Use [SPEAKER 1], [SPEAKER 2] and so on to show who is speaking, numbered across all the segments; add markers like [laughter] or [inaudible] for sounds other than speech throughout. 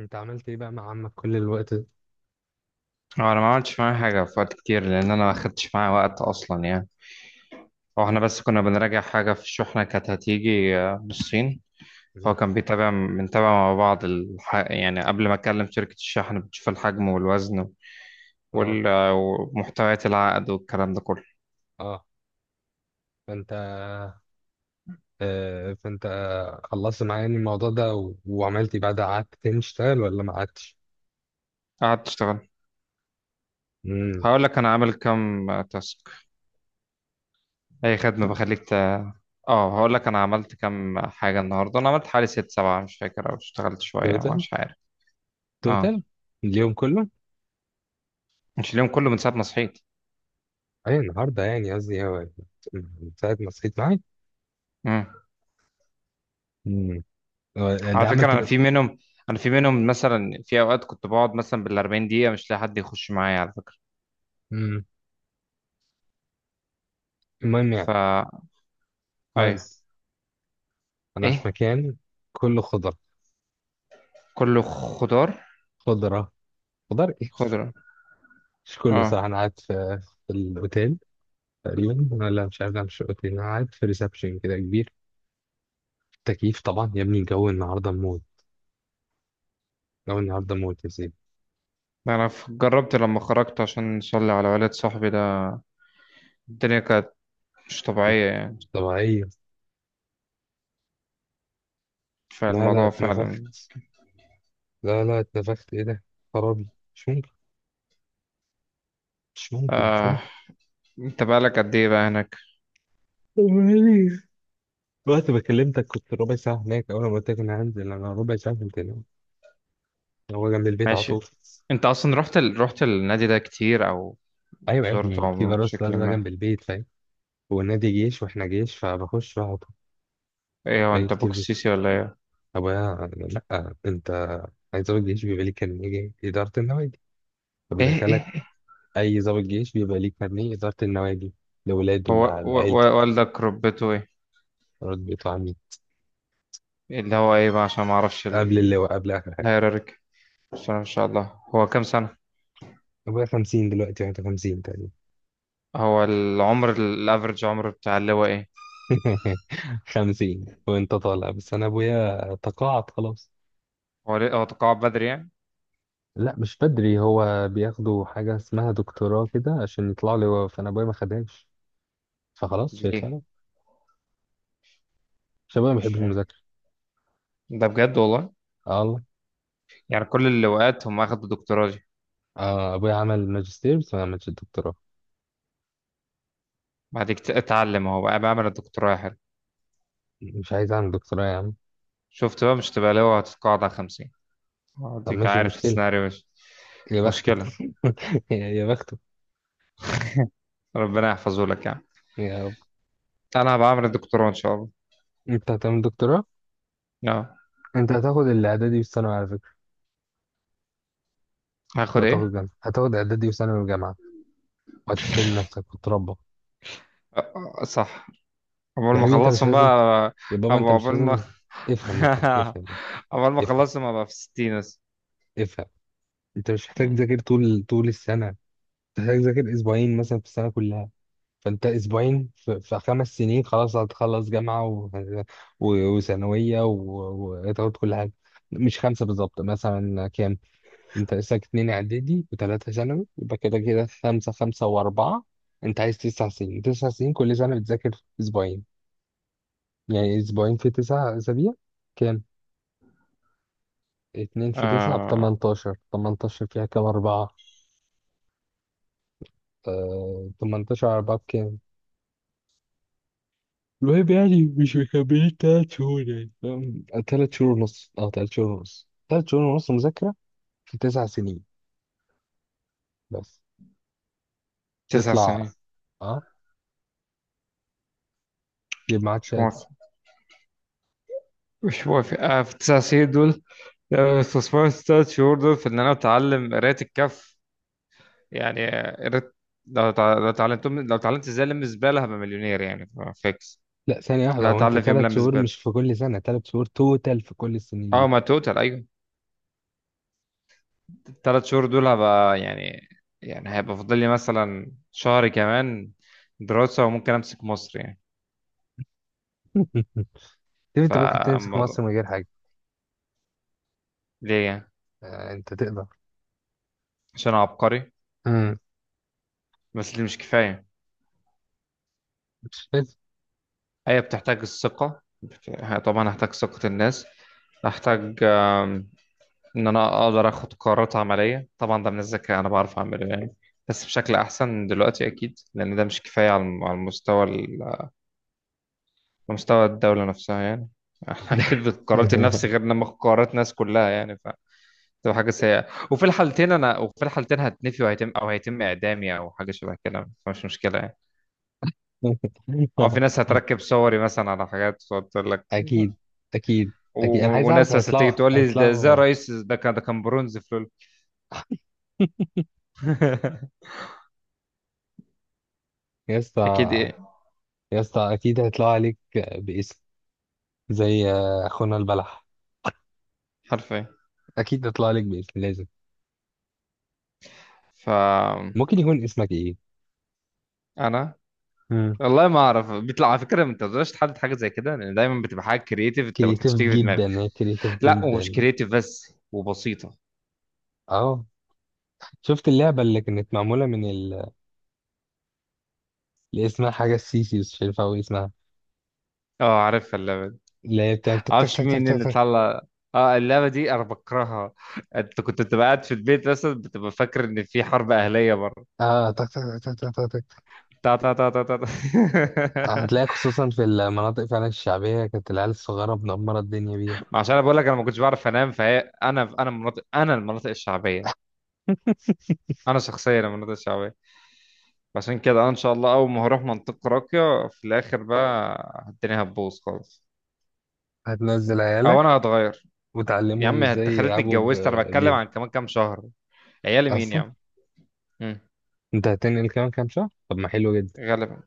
[SPEAKER 1] انت عملت ايه بقى مع عمك كل الوقت ده؟
[SPEAKER 2] هو انا ما عملتش معاه حاجه في وقت كتير، لان انا ما اخدتش معاه وقت اصلا يعني. هو احنا بس كنا بنراجع حاجه في شحنه كانت هتيجي من الصين. فهو
[SPEAKER 1] مم.
[SPEAKER 2] كان بنتابع مع بعض يعني قبل ما اكلم شركه الشحن، بتشوف الحجم والوزن
[SPEAKER 1] اه.
[SPEAKER 2] وال... آه، ومحتويات العقد والكلام ده كله.
[SPEAKER 1] اه. فانت فانت خلصت معايا يعني الموضوع ده وعملت ايه بعد، قعدت تاني تشتغل ولا ما قعدتش؟
[SPEAKER 2] قعدت اشتغل.
[SPEAKER 1] امم.
[SPEAKER 2] هقول لك انا عامل كام تاسك. اي خدمه بخليك اه، هقول لك انا عملت كام حاجه النهارده. انا عملت حوالي ست سبعه، مش فاكر، او اشتغلت شويه
[SPEAKER 1] توتال.
[SPEAKER 2] مش عارف. اه،
[SPEAKER 1] توتال. اليوم كله؟
[SPEAKER 2] مش اليوم كله، من ساعه ما صحيت.
[SPEAKER 1] اي النهارده يعني، قصدي هو من ساعة ما صحيت معاك. امم. آه، ده
[SPEAKER 2] على فكرة
[SPEAKER 1] عملت
[SPEAKER 2] أنا
[SPEAKER 1] من...
[SPEAKER 2] في منهم أنا في منهم مثلا في أوقات كنت بقعد مثلا بالأربعين دقيقة مش لاقي حد يخش معايا على فكرة.
[SPEAKER 1] مم. المهم يعني
[SPEAKER 2] فا
[SPEAKER 1] المهم
[SPEAKER 2] أيوه.
[SPEAKER 1] انا في
[SPEAKER 2] إيه.
[SPEAKER 1] مكان كله خضرة.
[SPEAKER 2] كله خضار.
[SPEAKER 1] خضرة. خضار ايه؟
[SPEAKER 2] خضرة.
[SPEAKER 1] مش كله صح،
[SPEAKER 2] أه.
[SPEAKER 1] انا قاعد في الاوتيل تقريبا، ولا مش عارف، ده مش اوتيل، انا قاعد في ريسبشن كده كبير. تكييف طبعا يا ابني، الجو النهارده موت. الجو النهارده موت يا سيدي.
[SPEAKER 2] أنا جربت لما خرجت عشان أصلي على والد صاحبي ده. الدنيا كانت مش طبيعية يعني.
[SPEAKER 1] مش طبيعية. لا، لا،
[SPEAKER 2] فالموضوع فعلا.
[SPEAKER 1] اتنفخت. لا، لا، اتنفخت ايه ده؟ خرابي. مش ممكن. مش ممكن، مش
[SPEAKER 2] آه.
[SPEAKER 1] ممكن.
[SPEAKER 2] أنت بقالك قد إيه بقى هناك؟
[SPEAKER 1] طب وإيه؟ وقت ما كلمتك كنت ربع ساعة هناك. أول ما قلت لك أنا هنزل، أنا ربع ساعة كنت هناك. هو جنب البيت على
[SPEAKER 2] ماشي.
[SPEAKER 1] طول.
[SPEAKER 2] أنت أصلا رحت النادي ده كتير، أو
[SPEAKER 1] أيوة يا
[SPEAKER 2] زرته
[SPEAKER 1] ابني، في
[SPEAKER 2] عموما
[SPEAKER 1] فيروس
[SPEAKER 2] بشكل
[SPEAKER 1] بقى جنب
[SPEAKER 2] ما؟
[SPEAKER 1] البيت، فاهم. والنادي جيش وإحنا جيش، فبخش بقى على طول.
[SPEAKER 2] إيه، هو
[SPEAKER 1] باجي
[SPEAKER 2] أنت بوكس
[SPEAKER 1] كتير.
[SPEAKER 2] سيسي ولا إيه؟
[SPEAKER 1] طب أنا لأ. أنت عايز ضابط جيش بيبقى ليه كارنيه إدارة النوادي، فبيدخلك.
[SPEAKER 2] إيه؟
[SPEAKER 1] أي ضابط جيش بيبقى ليه كارنيه إدارة النوادي لولاده،
[SPEAKER 2] هو
[SPEAKER 1] لعيلته.
[SPEAKER 2] والدك ربته إيه؟
[SPEAKER 1] مرات بيطلع مين؟
[SPEAKER 2] اللي هو ايه بقى، عشان ما اعرفش
[SPEAKER 1] قبل اللواء، قبل آخر حاجة.
[SPEAKER 2] الهيراركي. بس ان شاء الله هو كام سنة؟
[SPEAKER 1] أبويا 50 دلوقتي وأنت 50 تقريبا.
[SPEAKER 2] هو العمر عمر بتاع اللواء ايه؟
[SPEAKER 1] [laughs] 50 وأنت طالع، بس أنا أبويا تقاعد خلاص.
[SPEAKER 2] هو ليه هو تقاعد بدري يعني؟
[SPEAKER 1] لا، مش بدري. هو بياخدوا حاجة اسمها دكتوراه كده عشان يطلعوا لواء، فأنا أبويا ما خدهاش فخلاص، فيطلع
[SPEAKER 2] ليه؟
[SPEAKER 1] لواء. عشان أبويا ما
[SPEAKER 2] مش
[SPEAKER 1] بيحبش
[SPEAKER 2] فاهم.
[SPEAKER 1] المذاكرة.
[SPEAKER 2] ده بجد والله؟
[SPEAKER 1] آه والله.
[SPEAKER 2] يعني كل اللواءات هم اخدوا دكتوراه دي؟
[SPEAKER 1] آه، أبويا عمل ماجستير بس ما عملش الدكتوراه.
[SPEAKER 2] بعد كده اتعلم هو بقى بعمل الدكتوراه يا حلو.
[SPEAKER 1] مش عايز اعمل دكتوراه يا عم.
[SPEAKER 2] شفت بقى؟ مش تبقى لواء هتتقاعد على 50.
[SPEAKER 1] طب
[SPEAKER 2] اديك
[SPEAKER 1] ماشي،
[SPEAKER 2] عارف
[SPEAKER 1] مشكلة.
[SPEAKER 2] السيناريو، مش
[SPEAKER 1] يا بخته.
[SPEAKER 2] مشكلة.
[SPEAKER 1] [laughs] يا بخته.
[SPEAKER 2] ربنا يحفظه لك يعني.
[SPEAKER 1] يا رب.
[SPEAKER 2] انا هبقى اعمل الدكتوراه ان شاء الله.
[SPEAKER 1] انت هتعمل دكتوراه؟
[SPEAKER 2] آه.
[SPEAKER 1] انت هتاخد الاعدادي والثانوي على فكرة.
[SPEAKER 2] هاخد ايه؟
[SPEAKER 1] وهتاخد جامعة. هتاخد اعدادي وثانوي وجامعة. وهتحترم نفسك وتربى.
[SPEAKER 2] آه. آه، صح. عقبال
[SPEAKER 1] يا
[SPEAKER 2] ما
[SPEAKER 1] حبيبي انت مش
[SPEAKER 2] اخلصهم بقى.
[SPEAKER 1] لازم. يا بابا انت مش
[SPEAKER 2] عقبال ما
[SPEAKER 1] لازم.
[SPEAKER 2] [laughs]
[SPEAKER 1] افهم، افهم،
[SPEAKER 2] [laughs]
[SPEAKER 1] افهم.
[SPEAKER 2] عقبال ما
[SPEAKER 1] افهم،
[SPEAKER 2] خلصت ما بقى في الستين بس.
[SPEAKER 1] افهم. انت مش محتاج تذاكر طول طول السنة. انت محتاج تذاكر اسبوعين مثلا في السنة كلها. فانت اسبوعين في 5 سنين خلاص هتخلص جامعه وثانويه وتاخد كل حاجه. مش خمسه بالظبط، مثلا كام؟ انت لسه اتنين اعدادي وثلاثه ثانوي، يبقى كده كده خمسه، خمسه واربعه. انت عايز 9 سنين، 9 سنين كل سنه بتذاكر اسبوعين. يعني اسبوعين في 9 اسابيع كام؟ اتنين في تسعه ب
[SPEAKER 2] آه...
[SPEAKER 1] 18. 18 فيها كام اربعه؟ 18 اربعه بكام؟ المهم يعني مش مكملين 3 شهور، يعني فاهم، تلات شهور ونص، أو تلات شهور ونص، تلات شهور ونص مذاكرة في 9 سنين بس
[SPEAKER 2] تسع
[SPEAKER 1] تطلع،
[SPEAKER 2] سنين.
[SPEAKER 1] أه يبقى معاك
[SPEAKER 2] مش
[SPEAKER 1] شهادة.
[SPEAKER 2] موافق. مش موافق. في تسع سنين دول استثمرت التلات شهور دول في إن أنا أتعلم قراية الكف يعني. قريت. لو اتعلمت ازاي الم زباله، هبقى مليونير يعني. فيكس.
[SPEAKER 1] لا، ثانية واحدة.
[SPEAKER 2] انا
[SPEAKER 1] هو أنت
[SPEAKER 2] هتعلم في يوم
[SPEAKER 1] تلات
[SPEAKER 2] لم
[SPEAKER 1] شهور
[SPEAKER 2] زباله.
[SPEAKER 1] مش في كل سنة، 3 شهور توتال في كل السنين
[SPEAKER 2] اه،
[SPEAKER 1] دي.
[SPEAKER 2] ما توتال ايوه. الثلاث شهور دول هبقى يعني، يعني هيبقى فاضل لي مثلا شهر كمان دراسه وممكن امسك مصر يعني.
[SPEAKER 1] [laughs] طيب أنت ممكن تمسك مصر من
[SPEAKER 2] فالموضوع.
[SPEAKER 1] غير حاجة.
[SPEAKER 2] ليه يعني؟
[SPEAKER 1] آه، أنت تقدر.
[SPEAKER 2] عشان أنا عبقري.
[SPEAKER 1] مم.
[SPEAKER 2] بس دي مش كفاية.
[SPEAKER 1] مش فاهم.
[SPEAKER 2] هي بتحتاج الثقة طبعا هحتاج ثقة الناس. هحتاج إن أنا أقدر آخد قرارات عملية. طبعا ده من الذكاء أنا بعرف أعمله يعني، بس بشكل أحسن دلوقتي أكيد، لأن ده مش كفاية على على على مستوى الدولة نفسها يعني. [laughs] أكيد
[SPEAKER 1] [laughs]
[SPEAKER 2] قراراتي لنفسي غير لما آخد قرارات الناس كلها يعني. فتبقى حاجة سيئة. وفي الحالتين هتنفي وهيتم أو هيتم إعدامي أو حاجة شبه كده، فمش مشكلة يعني. أو في ناس هتركب صوري مثلا على حاجات وتقول لك.
[SPEAKER 1] أكيد، أكيد، أكيد، أنا عايز أعرف
[SPEAKER 2] وناس بس
[SPEAKER 1] هيطلعوا،
[SPEAKER 2] تيجي تقول لي، ده ازاي
[SPEAKER 1] هيطلعوا. [laughs]
[SPEAKER 2] رئيس؟ ده كان برونز في لول. [laughs]
[SPEAKER 1] يا
[SPEAKER 2] اكيد
[SPEAKER 1] اسطى.
[SPEAKER 2] ايه.
[SPEAKER 1] يا اسطى اكيد هيطلعوا عليك باسم. زي اخونا البلح.
[SPEAKER 2] حرفيا.
[SPEAKER 1] اكيد يطلع لك باسم لازم.
[SPEAKER 2] ف
[SPEAKER 1] ممكن يكون اسمك ايه؟
[SPEAKER 2] انا
[SPEAKER 1] امم.
[SPEAKER 2] والله ما اعرف بيطلع. على فكره ما تقدرش تحدد حاجه زي كده، لان دايما بتبقى حاجه كرييتيف انت ما
[SPEAKER 1] كريتيف
[SPEAKER 2] كانتش تيجي في دماغك.
[SPEAKER 1] جدا، هي كريتيف
[SPEAKER 2] لا، ومش
[SPEAKER 1] جدا.
[SPEAKER 2] كرييتيف بس، وبسيطه.
[SPEAKER 1] اه. شفت اللعبه اللي كانت معموله اللي اسمها حاجه السيسي، بس مش عارف أوي اسمها.
[SPEAKER 2] اه، عارفها اللعبه دي.
[SPEAKER 1] اللي هي بتعمل تك تك
[SPEAKER 2] معرفش
[SPEAKER 1] تك تك
[SPEAKER 2] مين
[SPEAKER 1] تك
[SPEAKER 2] اللي
[SPEAKER 1] تك.
[SPEAKER 2] طلع. اه، اللعبه دي انا بكرهها. انت كنت بتبقى قاعد في البيت مثلا، بتبقى فاكر ان في حرب اهليه بره.
[SPEAKER 1] اه، تك تك تك تك تك تك.
[SPEAKER 2] تا تا تا تا تا تا. [laughs]
[SPEAKER 1] هتلاقي خصوصا في المناطق فعلا الشعبيه كانت العيال الصغيره منمره الدنيا بيها.
[SPEAKER 2] ما عشان انا بقول لك انا ما كنتش بعرف انام. فهي انا انا مناطق انا المناطق الشعبيه. انا شخصيا المناطق الشعبيه. عشان كده انا ان شاء الله اول ما هروح منطقه راقيه في الاخر بقى، الدنيا هتبوظ خالص.
[SPEAKER 1] هتنزل
[SPEAKER 2] او
[SPEAKER 1] عيالك
[SPEAKER 2] انا هتغير. يا
[SPEAKER 1] وتعلمهم
[SPEAKER 2] عم
[SPEAKER 1] ازاي
[SPEAKER 2] انت خلتني
[SPEAKER 1] يلعبوا
[SPEAKER 2] اتجوزت، انا بتكلم
[SPEAKER 1] بيها.
[SPEAKER 2] عن كمان كام شهر. عيالي مين يا
[SPEAKER 1] اصلا
[SPEAKER 2] عم. مم.
[SPEAKER 1] انت هتنقل كمان كام شهر، طب ما حلو جدا.
[SPEAKER 2] غالبا.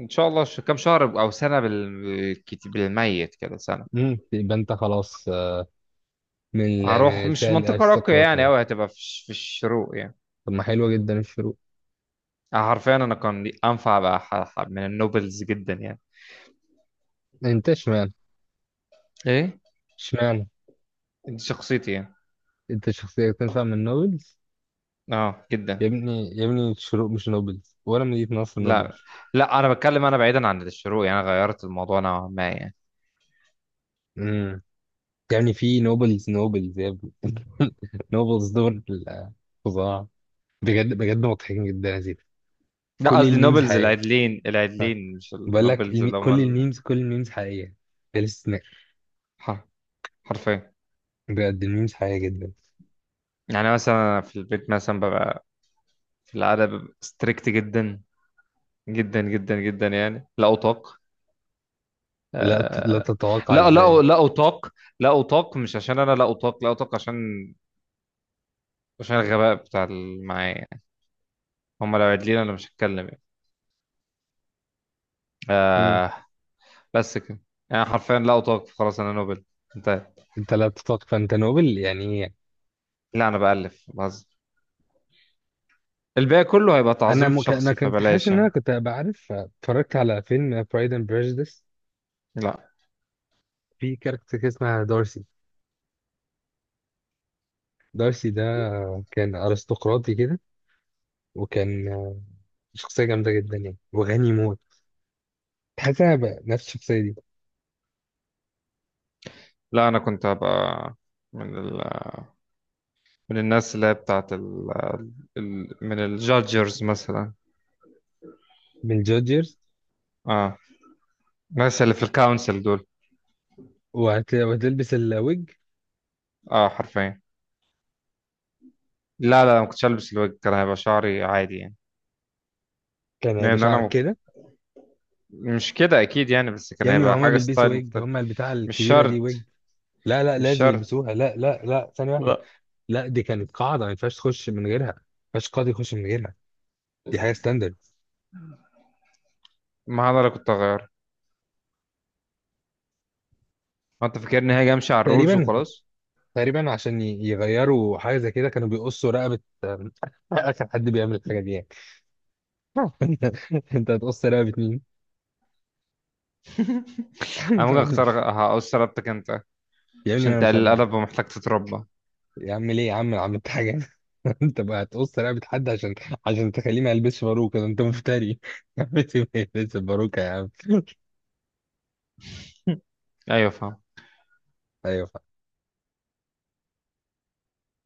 [SPEAKER 2] ان شاء الله، كام شهر او سنه بالكتير بالميت كده سنه.
[SPEAKER 1] امم، يبقى انت خلاص من من
[SPEAKER 2] هروح مش
[SPEAKER 1] الفئة
[SPEAKER 2] منطقه راقيه يعني
[SPEAKER 1] الأرستقراطية.
[SPEAKER 2] أوي، هتبقى في في الشروق يعني.
[SPEAKER 1] طب ما حلوة جدا الشروق.
[SPEAKER 2] حرفيا انا كان انفع بقى من النوبلز جدا يعني.
[SPEAKER 1] أنت اشمعنى؟
[SPEAKER 2] ايه؟
[SPEAKER 1] اشمعنى.
[SPEAKER 2] دي شخصيتي يعني.
[SPEAKER 1] أنت شخصية تنفع من نوبلز.
[SPEAKER 2] اه
[SPEAKER 1] يا
[SPEAKER 2] جدا.
[SPEAKER 1] ابني يا ابني، الشروق مش نوبلز، ولا مدينة نصر
[SPEAKER 2] لا
[SPEAKER 1] نوبلز.
[SPEAKER 2] لا، انا بتكلم انا بعيدا عن الشروق يعني. أنا غيرت الموضوع نوعا ما يعني.
[SPEAKER 1] امم. يعني في نوبلز نوبلز يا ابني. نوبلز دول ال-. فظاع. بجد بجد مضحكين جدا يا زيد.
[SPEAKER 2] لا،
[SPEAKER 1] كل
[SPEAKER 2] قصدي
[SPEAKER 1] الميمز
[SPEAKER 2] نوبلز
[SPEAKER 1] حقيقية.
[SPEAKER 2] العدلين،
[SPEAKER 1] ها.
[SPEAKER 2] العدلين، مش
[SPEAKER 1] بقول لك
[SPEAKER 2] النوبلز اللي
[SPEAKER 1] كل
[SPEAKER 2] هم.
[SPEAKER 1] الميمز كل الميمز حقيقية، بلا استثناء.
[SPEAKER 2] الح- حرفيا.
[SPEAKER 1] بجد الميمز حقيقية جدا.
[SPEAKER 2] يعني مثلا في البيت مثلا ببقى، في العادة ببقى ستريكت جدا، جدا جدا جدا يعني، لا أطاق.
[SPEAKER 1] لا
[SPEAKER 2] آه...
[SPEAKER 1] تتوقع
[SPEAKER 2] لا لا،
[SPEAKER 1] ازاي.
[SPEAKER 2] لا أطاق. لا أطاق مش عشان أنا لا أطاق. لا أطاق عشان، عشان الغباء بتاع اللي معايا يعني. هم لو عدلين أنا مش هتكلم يعني.
[SPEAKER 1] مم.
[SPEAKER 2] آه... بس كده. يعني حرفيا لا أطاق، خلاص أنا نوبل. انتهى.
[SPEAKER 1] انت لا تتوقع، فانت نوبل يعني ايه؟
[SPEAKER 2] لا، أنا بألف بهزر. الباقي كله هيبقى
[SPEAKER 1] انا
[SPEAKER 2] تعظيم في
[SPEAKER 1] مك... انا
[SPEAKER 2] شخصي،
[SPEAKER 1] كنت حاسس
[SPEAKER 2] فبلاش
[SPEAKER 1] ان انا
[SPEAKER 2] يعني.
[SPEAKER 1] كنت هبقى عارف. اتفرجت على فيلم برايد اند بريجديس.
[SPEAKER 2] لا
[SPEAKER 1] في كاركتر كده اسمها دارسي. دارسي ده كان ارستقراطي كده، وكان شخصيه جامده جدا يعني، وغني موت. تحس انا هبقى نفس الشخصيه دي.
[SPEAKER 2] لا، أنا كنت هبقى من ال... من الناس اللي هي بتاعت من الجادجرز مثلا.
[SPEAKER 1] من جودجرز.
[SPEAKER 2] اه، الناس اللي في الكونسل دول.
[SPEAKER 1] وهتلبس الويج.
[SPEAKER 2] اه، حرفيا. لا لا، ما كنتش ألبس الويج، كان هيبقى شعري عادي يعني.
[SPEAKER 1] كان هيبقى
[SPEAKER 2] لأن أنا
[SPEAKER 1] شعرك كده.
[SPEAKER 2] مش كده أكيد يعني، بس كان
[SPEAKER 1] يا ابني ما
[SPEAKER 2] هيبقى
[SPEAKER 1] هما
[SPEAKER 2] حاجة
[SPEAKER 1] بيلبسوا
[SPEAKER 2] ستايل
[SPEAKER 1] ويج،
[SPEAKER 2] مختلف.
[SPEAKER 1] هما البتاع
[SPEAKER 2] مش
[SPEAKER 1] الكبيره دي ويج.
[SPEAKER 2] شرط.
[SPEAKER 1] لا، لا،
[SPEAKER 2] مش
[SPEAKER 1] لازم
[SPEAKER 2] شرط.
[SPEAKER 1] يلبسوها. لا، لا، لا، ثانيه واحده.
[SPEAKER 2] لا.
[SPEAKER 1] لا، دي كانت قاعده ما ينفعش تخش من غيرها. ما ينفعش قاضي يخش من غيرها. دي حاجه ستاندرد.
[SPEAKER 2] ما أنا اللي كنت هغير. هو أنت فاكرني هاجي أمشي على الرولز
[SPEAKER 1] تقريبا.
[SPEAKER 2] وخلاص؟
[SPEAKER 1] تقريبا عشان يغيروا حاجه زي كده، كانوا بيقصوا رقبه. [laughs] اخر حد بيعمل الحاجه دي يعني. [laughs] انت هتقص رقبه مين؟
[SPEAKER 2] انا ممكن اختار.
[SPEAKER 1] [laughs]
[SPEAKER 2] هقول سربتك انت
[SPEAKER 1] يا ابني ما
[SPEAKER 2] عشان
[SPEAKER 1] انا مش
[SPEAKER 2] تقلل
[SPEAKER 1] هبقى.
[SPEAKER 2] الادب ومحتاج تتربى.
[SPEAKER 1] يا عم، ليه يا عم؟ أنا عملت حاجه. [laughs] انت بقى هتقص رقبه حد عشان تخليه ما يلبسش باروكه؟ ده انت مفتري. [laughs] يا عم، ما يلبسش باروكه يا عم. [laughs]
[SPEAKER 2] [laughs] ايوه فاهم.
[SPEAKER 1] ايوه.